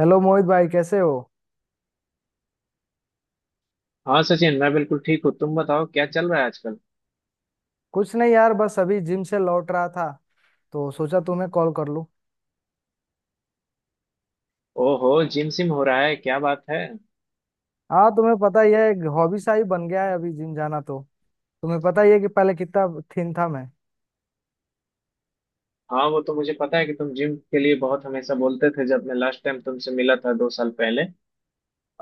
Hello Mohit भाई, कैसे हो? हाँ सचिन, मैं बिल्कुल ठीक हूँ। तुम बताओ क्या चल रहा है आजकल। कुछ नहीं यार, बस अभी जिम से लौट रहा था तो सोचा तुम्हें कॉल कर लूं। ओहो, जिम सिम हो रहा है, क्या बात है। हाँ, तुम्हें पता ही है, एक हॉबी सा ही बन गया है अभी जिम जाना तो। तुम्हें पता ही है कि पहले कितना थिन था मैं। हाँ, वो तो मुझे पता है कि तुम जिम के लिए बहुत हमेशा बोलते थे, जब मैं लास्ट टाइम तुमसे मिला था 2 साल पहले।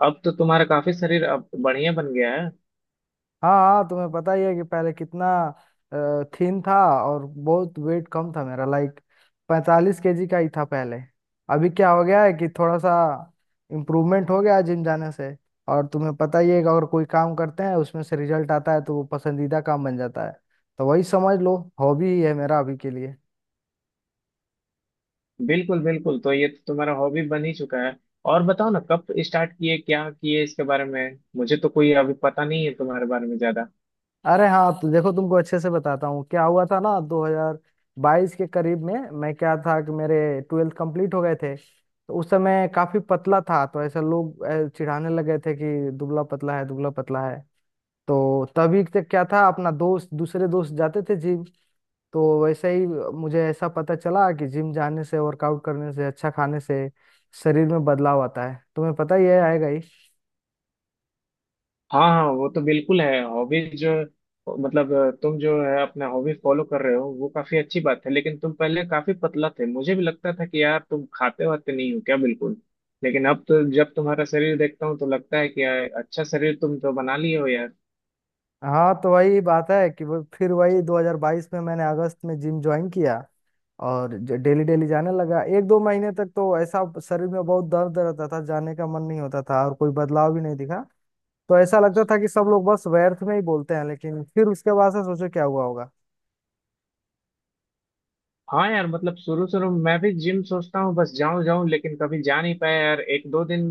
अब तो तुम्हारा काफी शरीर अब बढ़िया बन गया है। हाँ हाँ, तुम्हें पता ही है कि पहले कितना थिन था और बहुत वेट कम था मेरा, लाइक 45 केजी का ही था पहले। अभी क्या हो गया है कि थोड़ा सा इम्प्रूवमेंट हो गया जिम जाने से। और तुम्हें पता ही है कि अगर कोई काम करते हैं उसमें से रिजल्ट आता है तो वो पसंदीदा काम बन जाता है। तो वही समझ लो, हॉबी ही है मेरा अभी के लिए। बिल्कुल बिल्कुल, तो ये तो तुम्हारा हॉबी बन ही चुका है। और बताओ ना, कब स्टार्ट किए, क्या किए, इसके बारे में मुझे तो कोई अभी पता नहीं है तुम्हारे बारे में ज्यादा। अरे हाँ, तो देखो तुमको अच्छे से बताता हूँ क्या हुआ था ना, 2022 के करीब में मैं क्या था कि मेरे ट्वेल्थ कंप्लीट हो गए थे, तो उस समय काफी पतला था तो ऐसा लोग चिढ़ाने लगे थे कि दुबला पतला है, दुबला पतला है। तो तभी तक क्या था, अपना दोस्त दूसरे दोस्त जाते थे जिम, तो वैसे ही मुझे ऐसा पता चला कि जिम जाने से, वर्कआउट करने से, अच्छा खाने से शरीर में बदलाव आता है। तुम्हें पता ही है, आएगा। हाँ हाँ, वो तो बिल्कुल है। हॉबीज जो मतलब तुम जो है अपना हॉबी फॉलो कर रहे हो, वो काफी अच्छी बात है। लेकिन तुम पहले काफी पतला थे, मुझे भी लगता था कि यार तुम खाते वाते नहीं हो क्या, बिल्कुल। लेकिन अब तो जब तुम्हारा शरीर देखता हूँ तो लगता है कि यार अच्छा शरीर तुम तो बना लिए हो। हाँ, तो वही बात है कि वो फिर वही 2022 में मैंने अगस्त में जिम ज्वाइन किया और डेली डेली जाने लगा। एक दो महीने तक तो ऐसा शरीर में बहुत दर्द रहता था, जाने का मन नहीं होता था और कोई बदलाव भी नहीं दिखा। तो ऐसा लगता था कि सब लोग बस व्यर्थ में ही बोलते हैं, लेकिन फिर उसके बाद से सोचो क्या हुआ होगा। हाँ यार, मतलब शुरू शुरू में मैं भी जिम सोचता हूँ, बस जाऊं जाऊं, लेकिन कभी जा नहीं पाया यार, एक दो दिन।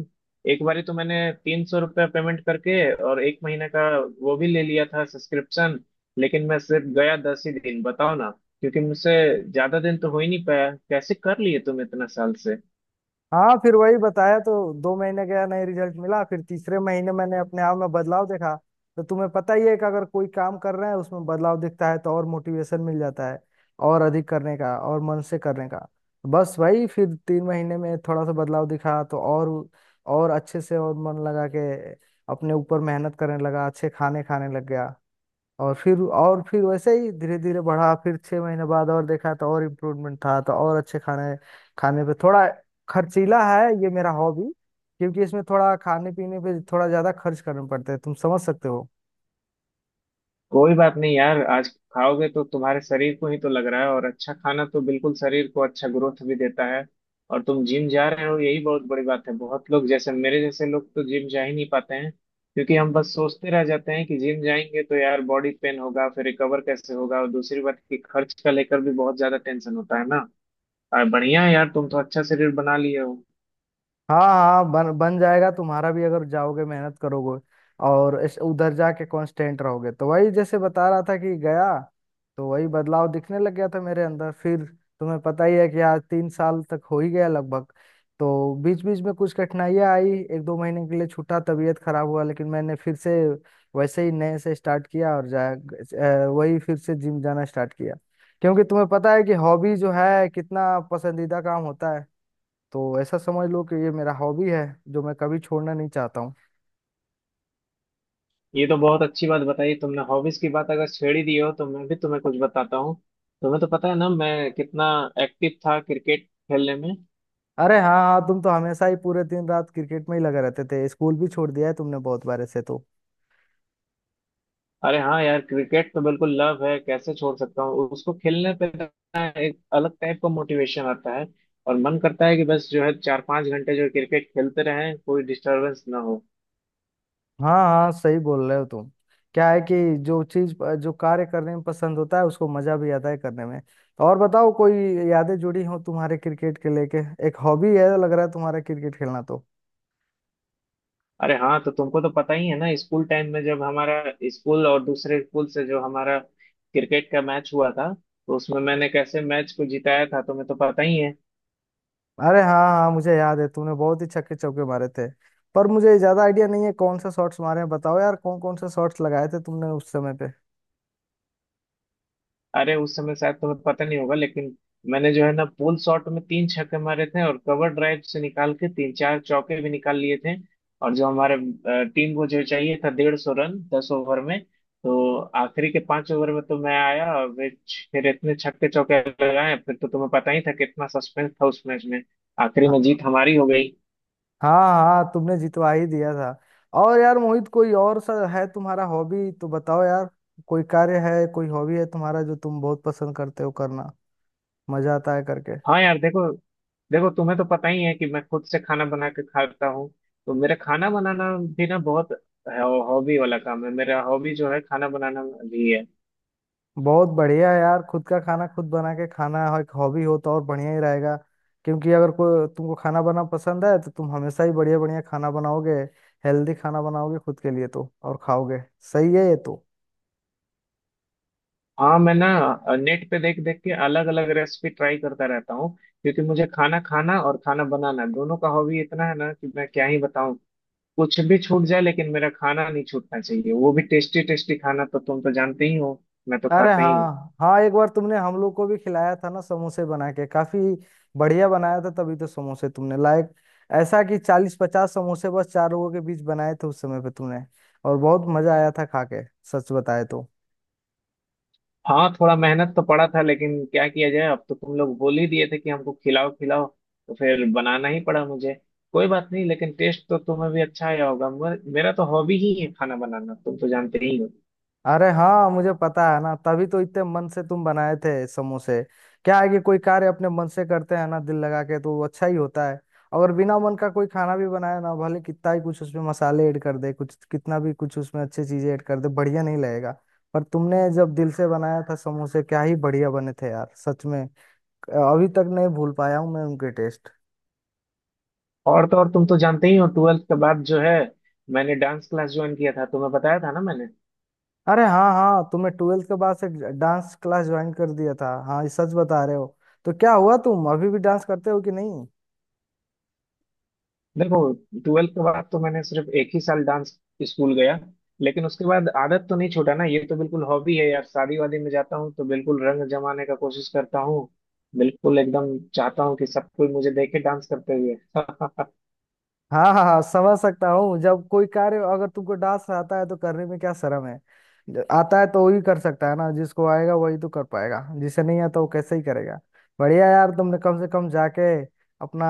एक बारी तो मैंने 300 रुपया पेमेंट करके, और एक महीने का वो भी ले लिया था सब्सक्रिप्शन। लेकिन मैं सिर्फ गया 10 ही दिन, बताओ ना। क्योंकि मुझसे ज्यादा दिन तो हो ही नहीं पाया। कैसे कर लिए तुम इतना साल से। हाँ, फिर वही बताया तो 2 महीने गया, नहीं रिजल्ट मिला, फिर तीसरे महीने मैंने अपने आप में बदलाव देखा। तो तुम्हें पता ही है कि अगर कोई काम कर रहे हैं उसमें बदलाव दिखता है तो और मोटिवेशन मिल जाता है और अधिक करने का, और मन से करने का। बस वही, फिर 3 महीने में थोड़ा सा बदलाव दिखा तो और अच्छे से और मन लगा के अपने ऊपर मेहनत करने लगा, अच्छे खाने खाने लग गया। और फिर वैसे ही धीरे धीरे बढ़ा, फिर 6 महीने बाद और देखा तो और इम्प्रूवमेंट था, तो और अच्छे खाने, खाने पे थोड़ा खर्चीला है ये मेरा हॉबी, क्योंकि इसमें थोड़ा खाने पीने पे थोड़ा ज्यादा खर्च करना पड़ता है, तुम समझ सकते हो। कोई बात नहीं यार, आज खाओगे तो तुम्हारे शरीर को ही तो लग रहा है, और अच्छा खाना तो बिल्कुल शरीर को अच्छा ग्रोथ भी देता है। और तुम जिम जा रहे हो, यही बहुत बड़ी बात है। बहुत लोग, जैसे मेरे जैसे लोग तो जिम जा ही नहीं पाते हैं, क्योंकि हम बस सोचते रह जाते हैं कि जिम जाएंगे तो यार बॉडी पेन होगा, फिर रिकवर कैसे होगा, और दूसरी बात कि खर्च का लेकर भी बहुत ज्यादा टेंशन होता है ना। और बढ़िया है यार, तुम तो अच्छा शरीर बना लिए हो। हाँ हाँ, बन बन जाएगा तुम्हारा भी, अगर जाओगे, मेहनत करोगे और इस उधर जाके कांस्टेंट रहोगे। तो वही, जैसे बता रहा था, कि गया तो वही बदलाव दिखने लग गया था मेरे अंदर फिर। तुम्हें पता ही है कि आज 3 साल तक हो ही गया लगभग। तो बीच बीच में कुछ कठिनाइयाँ आई, एक दो महीने के लिए छूटा, तबीयत खराब हुआ, लेकिन मैंने फिर से वैसे ही नए से स्टार्ट किया और वही फिर से जिम जाना स्टार्ट किया, क्योंकि तुम्हें पता है कि हॉबी जो है कितना पसंदीदा काम होता है। तो ऐसा समझ लो कि ये मेरा हॉबी है जो मैं कभी छोड़ना नहीं चाहता हूँ। ये तो बहुत अच्छी बात बताई तुमने। हॉबीज की बात अगर छेड़ ही दी हो तो मैं भी तुम्हें कुछ बताता हूँ। तुम्हें तो पता है ना मैं कितना एक्टिव था क्रिकेट खेलने में। अरे हाँ हाँ, तुम तो हमेशा ही पूरे दिन रात क्रिकेट में ही लगे रहते थे, स्कूल भी छोड़ दिया है तुमने बहुत बार ऐसे तो। अरे हाँ यार, क्रिकेट तो बिल्कुल लव है, कैसे छोड़ सकता हूँ उसको। खेलने पे ना एक अलग टाइप का मोटिवेशन आता है, और मन करता है कि बस जो है 4-5 घंटे जो क्रिकेट खेलते रहें, कोई डिस्टरबेंस ना हो। हाँ हाँ, सही बोल रहे हो तुम। क्या है कि जो चीज जो कार्य करने में पसंद होता है उसको मजा भी आता है करने में। तो और बताओ, कोई यादें जुड़ी हो तुम्हारे क्रिकेट के लेके? एक हॉबी है, लग रहा है, तुम्हारा क्रिकेट खेलना तो। अरे हाँ, तो तुमको तो पता ही है ना स्कूल टाइम में, जब हमारा स्कूल और दूसरे स्कूल से जो हमारा क्रिकेट का मैच हुआ था, तो उसमें मैंने कैसे मैच को जिताया था तुम्हें तो पता ही है। अरे हाँ हाँ हाँ, मुझे याद है तुमने बहुत ही छक्के चौके मारे थे। पर मुझे ज्यादा आइडिया नहीं है कौन सा शॉट्स मारे हैं। बताओ यार, कौन कौन सा शॉट्स लगाए थे तुमने उस समय पे? अरे उस समय शायद तुम्हें पता नहीं होगा, लेकिन मैंने जो है ना पुल शॉट में 3 छक्के मारे थे, और कवर ड्राइव से निकाल के 3-4 चौके भी निकाल लिए थे। और जो हमारे टीम को जो चाहिए था 150 रन 10 ओवर में, तो आखिरी के 5 ओवर में तो मैं आया और फिर इतने छक्के चौके लगाए, फिर तो तुम्हें पता ही था कितना सस्पेंस था उस मैच में। आखिरी में हाँ जीत हमारी हो गई। हाँ हाँ, तुमने जितवा ही दिया था। और यार मोहित, कोई और सा है तुम्हारा हॉबी तो बताओ यार। कोई कार्य है, कोई हॉबी है तुम्हारा, जो तुम बहुत पसंद करते हो करना, मजा आता है करके? हाँ यार देखो, देखो तुम्हें तो पता ही है कि मैं खुद से खाना बना के खाता हूँ। तो मेरा खाना बनाना भी ना, बहुत हॉबी वाला काम है। मेरा हॉबी जो है खाना बनाना भी है। बहुत बढ़िया है यार, खुद का खाना खुद बना के खाना एक हॉबी हो तो और बढ़िया ही रहेगा, क्योंकि अगर कोई तुमको खाना बनाना पसंद है तो तुम हमेशा ही बढ़िया बढ़िया खाना बनाओगे, हेल्दी खाना बनाओगे खुद के लिए तो और खाओगे। सही है ये तो। हाँ मैं ना नेट पे देख देख के अलग अलग रेसिपी ट्राई करता रहता हूँ। क्योंकि मुझे खाना खाना और खाना बनाना दोनों का हॉबी इतना है ना कि मैं क्या ही बताऊँ। कुछ भी छूट जाए लेकिन मेरा खाना नहीं छूटना चाहिए, वो भी टेस्टी टेस्टी खाना, तो तुम तो जानते ही हो, मैं तो अरे खाता ही हूँ। हाँ हाँ, एक बार तुमने हम लोग को भी खिलाया था ना समोसे बना के, काफी बढ़िया बनाया था, तभी तो समोसे तुमने लाइक ऐसा कि 40-50 समोसे बस 4 लोगों के बीच बनाए थे उस समय पे तुमने, और बहुत मजा आया था खा के, सच बताए तो। हाँ, थोड़ा मेहनत तो पड़ा था, लेकिन क्या किया जाए, अब तो तुम लोग बोल ही दिए थे कि हमको खिलाओ खिलाओ, तो फिर बनाना ही पड़ा मुझे। कोई बात नहीं, लेकिन टेस्ट तो तुम्हें भी अच्छा आया होगा। मेरा तो हॉबी ही है खाना बनाना, तुम तो जानते ही हो। अरे हाँ, मुझे पता है ना, तभी तो इतने मन से तुम बनाए थे समोसे। क्या है कि कोई कार्य अपने मन से करते हैं ना, दिल लगा के, तो वो अच्छा ही होता है। अगर बिना मन का कोई खाना भी बनाए ना, भले कितना ही कुछ उसमें मसाले ऐड कर दे, कुछ कितना भी कुछ उसमें अच्छी चीजें ऐड कर दे, बढ़िया नहीं लगेगा। पर तुमने जब दिल से बनाया था समोसे, क्या ही बढ़िया बने थे यार, सच में। अभी तक नहीं भूल पाया हूँ मैं उनके टेस्ट। और तो और, तुम तो जानते ही हो ट्वेल्थ के बाद जो है मैंने डांस क्लास ज्वाइन किया था, तुम्हें बताया था ना मैंने। अरे हाँ हाँ, तुमने ट्वेल्थ के बाद से डांस क्लास ज्वाइन कर दिया था। हाँ, ये सच बता रहे हो। तो क्या हुआ, तुम अभी भी डांस करते हो कि नहीं? देखो, ट्वेल्थ के बाद तो मैंने सिर्फ एक ही साल डांस स्कूल गया, लेकिन उसके बाद आदत तो नहीं छोड़ा ना। ये तो बिल्कुल हॉबी है यार, शादी वादी में जाता हूँ तो बिल्कुल रंग जमाने का कोशिश करता हूँ। बिल्कुल एकदम चाहता हूँ कि सब कोई मुझे देखे डांस करते हुए हाँ हाँ हाँ, समझ सकता हूँ। जब कोई कार्य, अगर तुमको डांस आता है तो करने में क्या शर्म है? आता है तो वही कर सकता है ना, जिसको आएगा वही तो कर पाएगा, जिसे नहीं आता वो कैसे ही करेगा। बढ़िया यार, तुमने कम से कम जाके अपना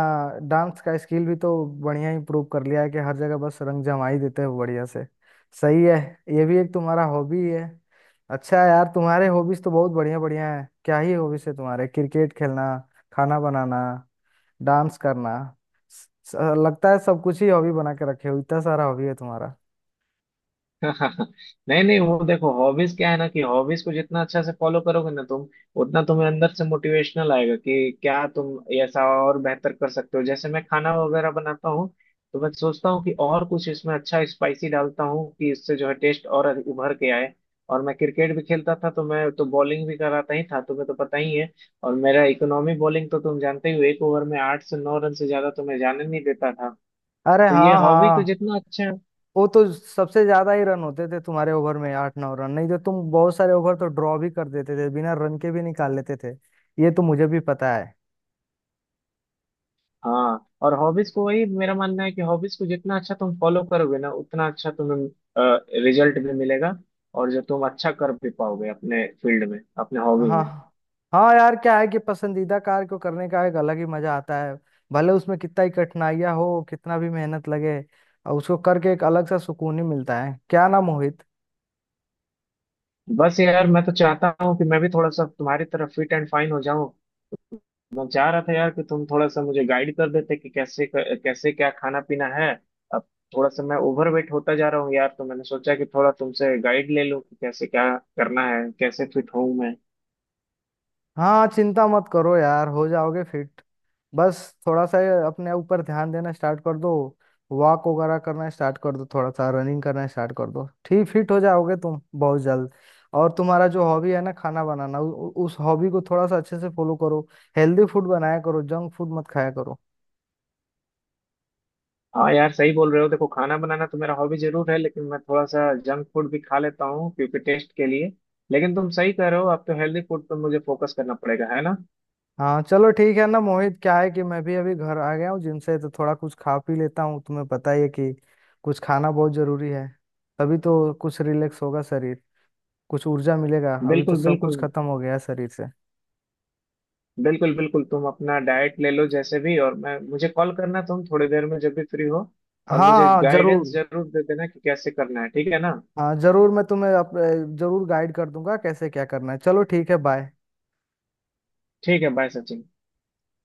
डांस का स्किल भी तो बढ़िया इम्प्रूव कर लिया है कि हर जगह बस रंग जमा ही देते हो बढ़िया से। सही है, ये भी एक तुम्हारा हॉबी है। अच्छा है यार, तुम्हारे हॉबीज तो बहुत बढ़िया बढ़िया है। क्या ही हॉबीज है तुम्हारे, क्रिकेट खेलना, खाना बनाना, डांस करना, स- लगता है सब कुछ ही हॉबी बना के रखे हो, इतना सारा हॉबी है तुम्हारा। नहीं नहीं, वो देखो हॉबीज क्या है ना, कि हॉबीज को जितना अच्छा से फॉलो करोगे ना तुम, उतना तुम्हें अंदर से मोटिवेशनल आएगा कि क्या तुम ऐसा और बेहतर कर सकते हो। जैसे मैं खाना वगैरह बनाता हूँ, तो मैं सोचता हूँ कि और कुछ इसमें अच्छा स्पाइसी डालता हूँ कि इससे जो है टेस्ट और उभर के आए। और मैं क्रिकेट भी खेलता था, तो मैं तो बॉलिंग भी कराता ही था, तुम्हें तो पता ही है। और मेरा इकोनॉमी बॉलिंग तो तुम जानते ही हो, एक ओवर में 8 से 9 रन से ज्यादा तो मैं जाने नहीं देता था। अरे तो ये हाँ हॉबी तो हाँ, जितना अच्छा। वो तो सबसे ज्यादा ही रन होते थे तुम्हारे ओवर में 8-9 रन, नहीं तो तुम बहुत सारे ओवर तो ड्रॉ भी कर देते थे, बिना रन के भी निकाल लेते थे। ये तो मुझे भी पता है। हाँ, और हॉबीज को, वही मेरा मानना है कि हॉबीज को जितना अच्छा तुम फॉलो करोगे ना, उतना अच्छा तुम्हें रिजल्ट भी मिलेगा, और जो तुम अच्छा कर भी पाओगे अपने फील्ड में अपने हॉबी में। हाँ हाँ यार, क्या है कि पसंदीदा कार्य को करने का एक अलग ही मजा आता है, भले उसमें कितना ही कठिनाइयाँ हो, कितना भी मेहनत लगे, और उसको करके एक अलग सा सुकून ही मिलता है, क्या ना मोहित? बस यार, मैं तो चाहता हूँ कि मैं भी थोड़ा सा तुम्हारी तरह फिट एंड फाइन हो जाऊँ। मैं चाह रहा था यार कि तुम थोड़ा सा मुझे गाइड कर देते कि कैसे कैसे क्या खाना पीना है। अब थोड़ा सा मैं ओवरवेट होता जा रहा हूँ यार, तो मैंने सोचा कि थोड़ा तुमसे गाइड ले लूँ कि कैसे क्या करना है, कैसे फिट हूँ मैं। हाँ, चिंता मत करो यार, हो जाओगे फिट। बस थोड़ा सा अपने ऊपर ध्यान देना स्टार्ट कर दो, वॉक वगैरह करना स्टार्ट कर दो, थोड़ा सा रनिंग करना स्टार्ट कर दो, ठीक फिट हो जाओगे तुम बहुत जल्द। और तुम्हारा जो हॉबी है ना, खाना बनाना, उ, उ- उस हॉबी को थोड़ा सा अच्छे से फॉलो करो, हेल्दी फूड बनाया करो, जंक फूड मत खाया करो। हाँ यार, सही बोल रहे हो। देखो खाना बनाना तो मेरा हॉबी जरूर है, लेकिन मैं थोड़ा सा जंक फूड भी खा लेता हूँ, क्योंकि टेस्ट के लिए। लेकिन तुम सही कह रहे हो, अब तो हेल्दी फूड पर मुझे फोकस करना पड़ेगा है ना। हाँ चलो, ठीक है ना मोहित। क्या है कि मैं भी अभी घर आ गया हूँ जिम से, तो थोड़ा कुछ खा पी लेता हूँ। तुम्हें पता ही है कि कुछ खाना बहुत जरूरी है, तभी तो कुछ रिलैक्स होगा शरीर, कुछ ऊर्जा मिलेगा, अभी तो बिल्कुल सब बिल्कुल। कुछ खत्म हो गया है शरीर से। बिल्कुल बिल्कुल, तुम अपना डाइट ले लो जैसे भी, और मैं, मुझे कॉल करना तुम थोड़ी देर में जब भी फ्री हो। और हाँ मुझे हाँ जरूर। गाइडेंस जरूर दे देना कि कैसे करना है, ठीक है ना। हाँ जरूर, मैं तुम्हें जरूर गाइड कर दूंगा कैसे क्या करना है। चलो ठीक है, बाय। ठीक है बाय सचिन।